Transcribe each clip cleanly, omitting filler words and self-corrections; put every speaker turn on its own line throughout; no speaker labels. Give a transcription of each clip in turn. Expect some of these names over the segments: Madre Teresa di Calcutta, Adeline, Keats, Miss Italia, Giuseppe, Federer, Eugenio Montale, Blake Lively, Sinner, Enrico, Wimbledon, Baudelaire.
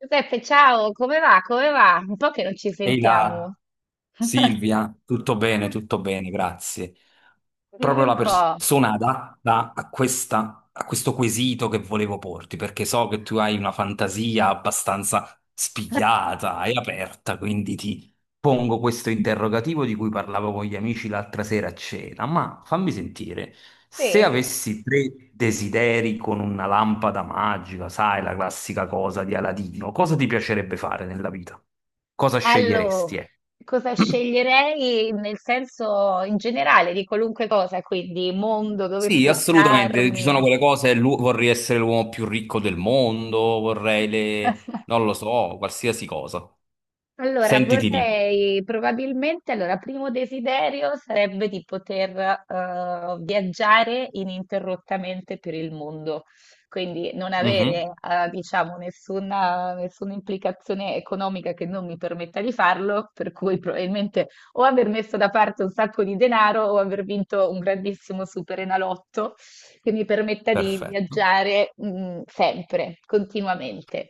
Giuseppe, ciao, come va? Come va? Un po' che non ci
Ehi
sentiamo.
là, Silvia, tutto bene, grazie.
Dimmi
Proprio la
un po'.
persona adatta a a questo quesito che volevo porti, perché so che tu hai una fantasia abbastanza spigliata e aperta, quindi pongo questo interrogativo di cui parlavo con gli amici l'altra sera a cena, ma fammi sentire, se
Sì.
avessi tre desideri con una lampada magica, sai, la classica cosa di Aladino, cosa ti piacerebbe fare nella vita? Cosa sceglieresti,
Allora,
eh?
cosa sceglierei nel senso in generale di qualunque cosa, quindi mondo, dove
Sì, assolutamente. Ci sono
spostarmi?
quelle cose, vorrei essere l'uomo più ricco del mondo, non lo so, qualsiasi cosa.
Allora,
Sentiti libero.
vorrei probabilmente, allora, primo desiderio sarebbe di poter viaggiare ininterrottamente per il mondo, quindi non
Mhm.
avere, diciamo, nessuna implicazione economica che non mi permetta di farlo, per cui probabilmente o aver messo da parte un sacco di denaro o aver vinto un grandissimo superenalotto che mi permetta di
Perfetto.
viaggiare, sempre, continuamente.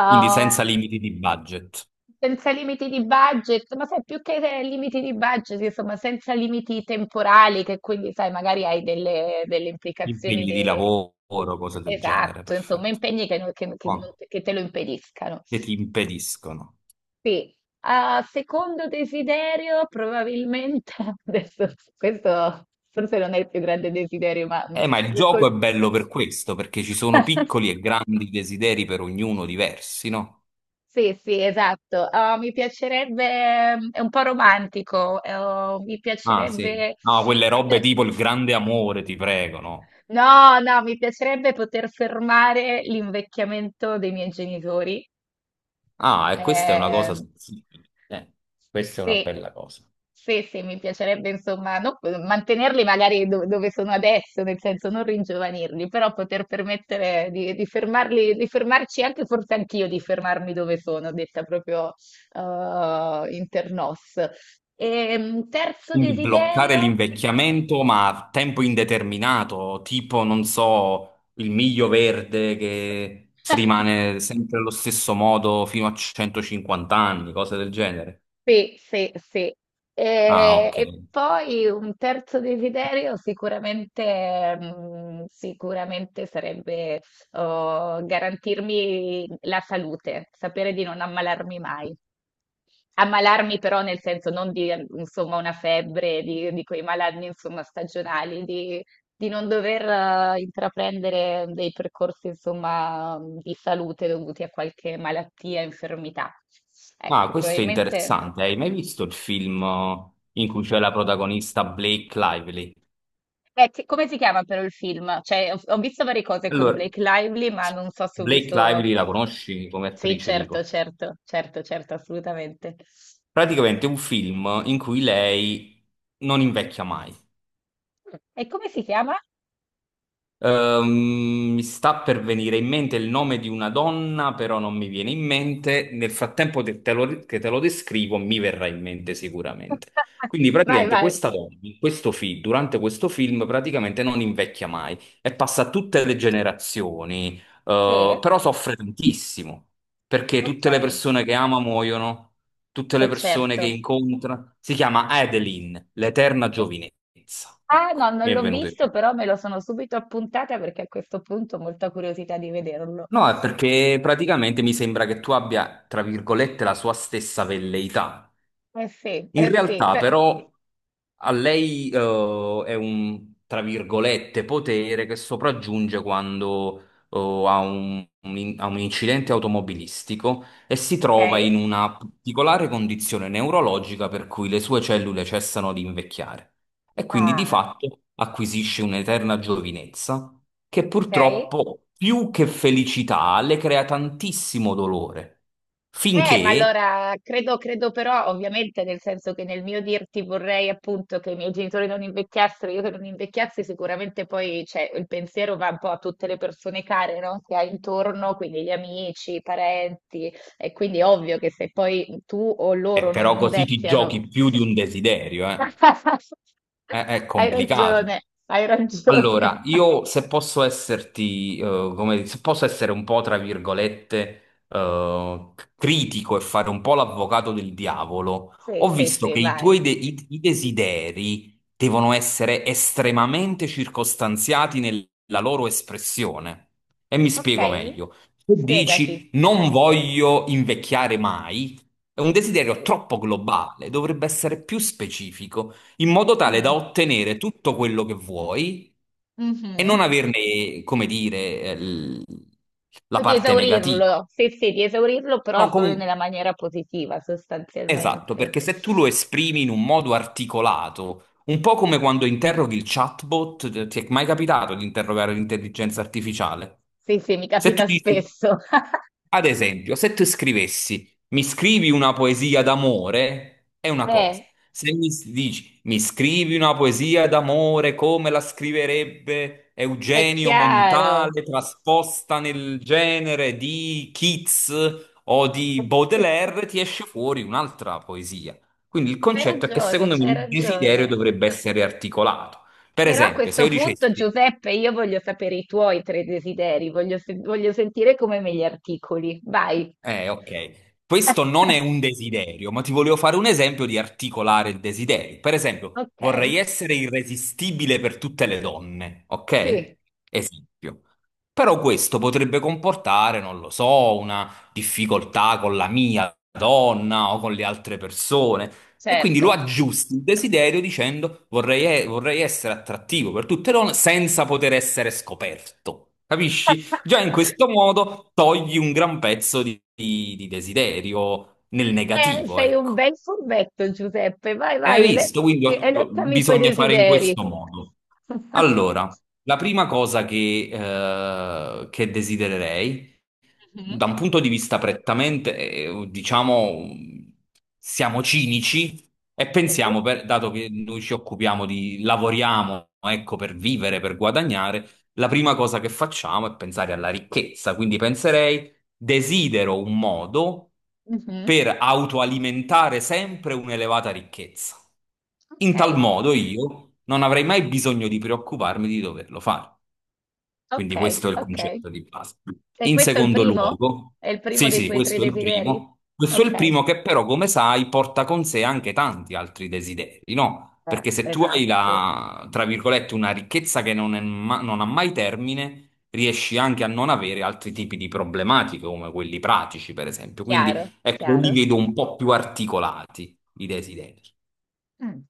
Quindi senza limiti di budget.
Senza limiti di budget, ma sai, più che limiti di budget, insomma, senza limiti temporali, che quindi, sai, magari hai delle implicazioni
Impegni di lavoro, cose del genere,
esatto, insomma,
perfetto.
impegni che,
Qua,
che te lo impediscano.
che ti impediscono.
Sì. Ah, secondo desiderio, probabilmente, adesso, questo forse non è il più grande desiderio, ma
Ma il
lo
gioco
col-
è bello per questo, perché ci sono piccoli e grandi desideri per ognuno diversi, no?
Sì, sì, esatto. Ah, mi piacerebbe, è un po' romantico, oh,
Ah, sì. No, quelle robe
poter,
tipo il grande amore, ti prego, no?
no, no, mi piacerebbe poter fermare l'invecchiamento dei miei genitori.
Ah, e questa è una
Eh,
cosa sensibile. Questa è una
Sì,
bella cosa.
sì, sì, mi piacerebbe mantenerli magari dove sono adesso, nel senso non ringiovanirli, però poter permettere di fermarli, di fermarci anche, forse anch'io di fermarmi dove sono, detta proprio eh, in internos. E, terzo
Quindi bloccare
desiderio?
l'invecchiamento, ma a tempo indeterminato, tipo, non so, il miglio verde che rimane sempre allo stesso modo fino a 150 anni, cose del genere.
Sì, sì, sì.
Ah, ok.
E poi un terzo desiderio sicuramente, sicuramente sarebbe oh, garantirmi la salute, sapere di non ammalarmi mai. Ammalarmi però nel senso non di insomma, una febbre, di quei malanni insomma, stagionali, di non dover intraprendere dei percorsi insomma, di salute dovuti a qualche malattia, infermità.
Ah,
Ecco,
questo è
probabilmente...
interessante. Hai mai visto il film in cui c'è la protagonista Blake Lively?
Beh, come si chiama però il film? Cioè, ho visto varie cose con
Allora,
Blake Lively, ma non so se ho
Blake
visto...
Lively la conosci come
Sì,
attrice,
certo,
dico.
certo, certo, certo, assolutamente.
Praticamente è un film in cui lei non invecchia mai.
E come si chiama?
Mi sta per venire in mente il nome di una donna, però non mi viene in mente. Nel frattempo che te lo descrivo, mi verrà in mente sicuramente. Quindi
Vai,
praticamente
vai.
questa donna, in questo durante questo film, praticamente non invecchia mai e passa a tutte le generazioni,
Sì,
però soffre tantissimo, perché
ok,
tutte le persone che ama muoiono, tutte le persone che
certo.
incontra. Si chiama Adeline, l'eterna giovinezza.
Ah, no,
Ecco,
non
mi è
l'ho
venuto in
visto,
mente.
però me lo sono subito appuntata perché a questo punto ho molta curiosità di vederlo.
No, è perché praticamente mi sembra che tu abbia, tra virgolette, la sua stessa velleità.
Sì,
In
eh sì,
realtà però a lei è un, tra virgolette, potere che sopraggiunge quando eh, ha un incidente automobilistico e si trova
ok.
in una particolare condizione neurologica per cui le sue cellule cessano di invecchiare e quindi di
Ah,
fatto acquisisce un'eterna giovinezza che
ok.
purtroppo più che felicità le crea tantissimo dolore.
Ma
Finché
allora credo, credo però, ovviamente, nel senso che nel mio dirti vorrei appunto che i miei genitori non invecchiassero, io che non invecchiassi, sicuramente poi cioè, il pensiero va un po' a tutte le persone care, no? Che hai intorno, quindi gli amici, i parenti, e quindi è ovvio che se poi tu o loro non
Però così ti
invecchiano,
giochi più di un desiderio, eh. È
hai
complicato.
ragione, hai ragione.
Allora, io se posso esserti, come, se posso essere un po', tra virgolette, critico e fare un po' l'avvocato del diavolo,
Sì,
ho
sì,
visto
sì,
che i
vai.
tuoi i desideri devono essere estremamente circostanziati nella loro espressione. E mi
Ok,
spiego meglio. Se
spiegati.
dici non voglio invecchiare mai, è un desiderio
Sì.
troppo globale, dovrebbe essere più specifico in modo tale da
Mm.
ottenere tutto quello che vuoi e
Mhm.
non averne, come dire, la
Di
parte negativa.
esaurirlo, sì, sì, di esaurirlo, però
No,
solo
comunque,
nella maniera positiva,
esatto,
sostanzialmente.
perché se tu lo esprimi in un modo articolato, un po' come quando interroghi il chatbot, ti è mai capitato di interrogare l'intelligenza artificiale?
Sì, sì, mi
Se tu
capita
dici
spesso.
Ad esempio, se tu scrivessi, mi scrivi una poesia d'amore, è una cosa.
Eh,
Se dici, mi scrivi una poesia d'amore come la scriverebbe
è
Eugenio
chiaro.
Montale, trasposta nel genere di Keats o di Baudelaire, ti esce fuori un'altra poesia. Quindi il
C'hai
concetto è che
ragione,
secondo me
c'hai
il desiderio
ragione.
dovrebbe essere articolato. Per
Però a
esempio, se
questo
io
punto,
dicessi,
Giuseppe, io voglio sapere i tuoi tre desideri, voglio, voglio sentire come me li articoli. Vai.
Ok. Questo non è un desiderio, ma ti volevo fare un esempio di articolare il desiderio. Per esempio,
Ok,
vorrei essere irresistibile per tutte le donne,
sì,
ok? Esempio. Però questo potrebbe comportare, non lo so, una difficoltà con la mia donna o con le altre persone. E quindi lo
certo.
aggiusti il desiderio dicendo vorrei essere attrattivo per tutte le donne senza poter essere scoperto. Capisci? Già in questo modo togli un gran pezzo di desiderio nel negativo,
Sei un
ecco.
bel furbetto, Giuseppe. Vai,
E hai
vai,
visto? Quindi
eleccami i tuoi
bisogna fare in
desideri.
questo modo. Allora, la prima cosa che desidererei
Mhm,
da un punto di vista prettamente, diciamo, siamo cinici e
Mhm.
pensiamo, dato che noi ci occupiamo di, lavoriamo, ecco, per vivere, per guadagnare, la prima cosa che facciamo è pensare alla ricchezza. Quindi penserei, desidero un modo
Mhm.
per autoalimentare sempre un'elevata ricchezza.
Ok,
In tal modo io non avrei mai bisogno di preoccuparmi di doverlo fare. Quindi
ok,
questo è il
ok.
concetto di base.
E
In
questo è il
secondo
primo?
luogo,
È il primo
sì,
dei
sì,
tuoi tre
questo è il
desideri?
primo. Questo è
Ok,
il primo che però, come sai, porta con sé anche tanti altri desideri, no? Perché se tu hai
esatto.
la, tra virgolette, una ricchezza che non è non ha mai termine, riesci anche a non avere altri tipi di problematiche, come quelli pratici, per esempio.
Chiaro,
Quindi, ecco, li
chiaro.
vedo un po' più articolati, i desideri.
Mm.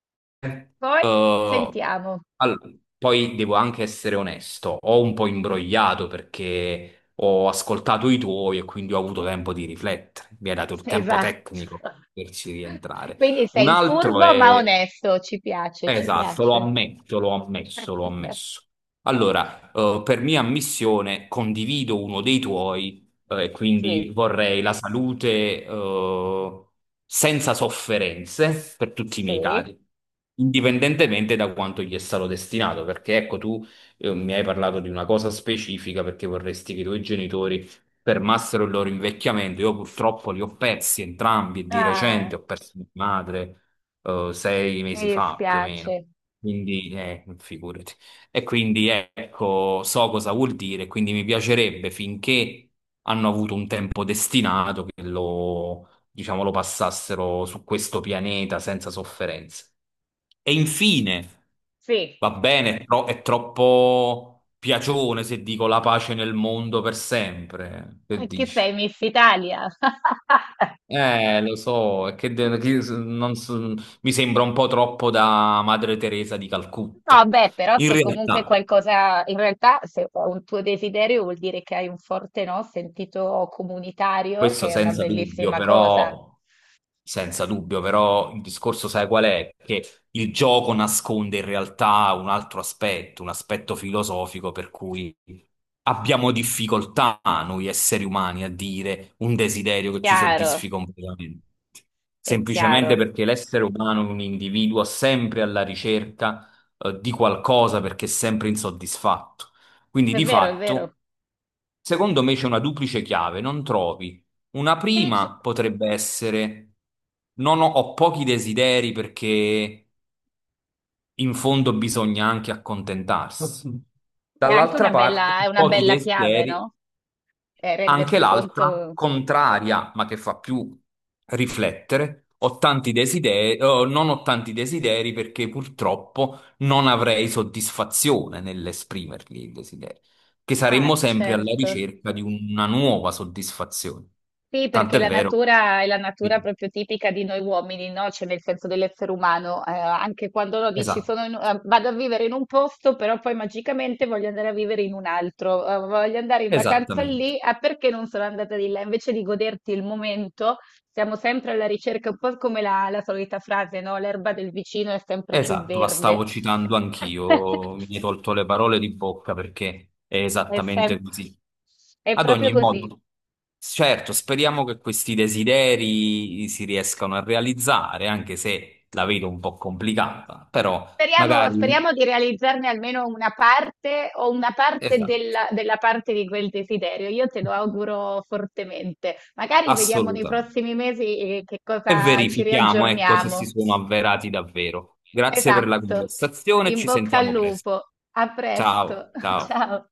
Poi
Uh,
sentiamo.
Poi devo anche essere onesto, ho un po' imbrogliato perché ho ascoltato i tuoi e quindi ho avuto tempo di riflettere. Mi hai dato il tempo
Esatto.
tecnico per poterci rientrare.
Quindi
Un
sei
altro
furbo ma
è
onesto, ci piace, ci
Esatto, lo
piace.
ammetto, lo ammesso, lo ammesso. Allora, per mia ammissione condivido uno dei tuoi, e
Sì,
quindi vorrei la salute, senza sofferenze per tutti i miei
sì.
cari, indipendentemente da quanto gli è stato destinato, perché ecco, tu, mi hai parlato di una cosa specifica perché vorresti che i tuoi genitori fermassero il loro invecchiamento. Io purtroppo li ho persi entrambi, di
Ah,
recente ho perso mia madre sei
mi
mesi fa più o meno.
dispiace.
Quindi, figurati. E quindi ecco, so cosa vuol dire, quindi mi piacerebbe finché hanno avuto un tempo destinato che lo, diciamo, lo passassero su questo pianeta senza sofferenze. E infine,
Sì,
va bene, è troppo piacione se dico la pace nel mondo per sempre. Che
che
dici?
sei Miss Italia.
Lo so, è che, de- che s- non so- mi sembra un po' troppo da Madre Teresa di
No,
Calcutta.
beh, però
In
se comunque
realtà,
qualcosa, in realtà se è un tuo desiderio vuol dire che hai un forte, no, sentito comunitario,
questo
che è una
senza dubbio,
bellissima cosa.
però, senza dubbio, però il discorso sai qual è? Che il gioco nasconde in realtà un altro aspetto, un aspetto filosofico per cui abbiamo difficoltà noi esseri umani a dire un desiderio che ci soddisfi
Chiaro,
completamente. Semplicemente
chiaro.
perché l'essere umano è un individuo sempre alla ricerca, di qualcosa perché è sempre insoddisfatto. Quindi
È
di
vero, è
fatto...
vero.
Secondo me c'è una duplice chiave, non trovi una
Sì, c-
prima potrebbe essere, non ho, ho pochi desideri perché in fondo bisogna anche accontentarsi.
è anche una
Dall'altra parte,
bella, è una
pochi
bella chiave,
desideri.
no?
Anche
Rendersi
l'altra,
conto.
contraria, ma che fa più riflettere, ho tanti desideri, oh, non ho tanti desideri perché purtroppo non avrei soddisfazione nell'esprimerli i desideri, che saremmo
Ah,
sempre alla
certo.
ricerca di una nuova soddisfazione.
Sì, perché
Tant'è
la
vero.
natura è la natura proprio tipica di noi uomini, no? Cioè nel senso dell'essere umano, anche quando no, dici
Esatto,
vado a vivere in un posto, però poi magicamente voglio andare a vivere in un altro, voglio andare in vacanza
esattamente.
lì, ah perché non sono andata di là? Invece di goderti il momento, siamo sempre alla ricerca, un po' come la solita frase, no? L'erba del vicino è sempre più
Esatto, la
verde.
stavo citando anch'io, mi hai tolto le parole di bocca perché è
È sem-
esattamente così.
è
Ad
proprio
ogni
così.
modo, certo, speriamo che questi desideri si riescano a realizzare, anche se la vedo un po' complicata, però
Speriamo
magari,
speriamo di realizzarne almeno una parte o una parte
esatto,
della parte di quel desiderio. Io te lo auguro fortemente. Magari vediamo nei
assolutamente.
prossimi mesi, che
E
cosa ci
verifichiamo, ecco, se si
riaggiorniamo.
sono avverati davvero. Grazie per la
Esatto.
conversazione,
In
ci
bocca al
sentiamo presto.
lupo. A presto.
Ciao, ciao.
Ciao.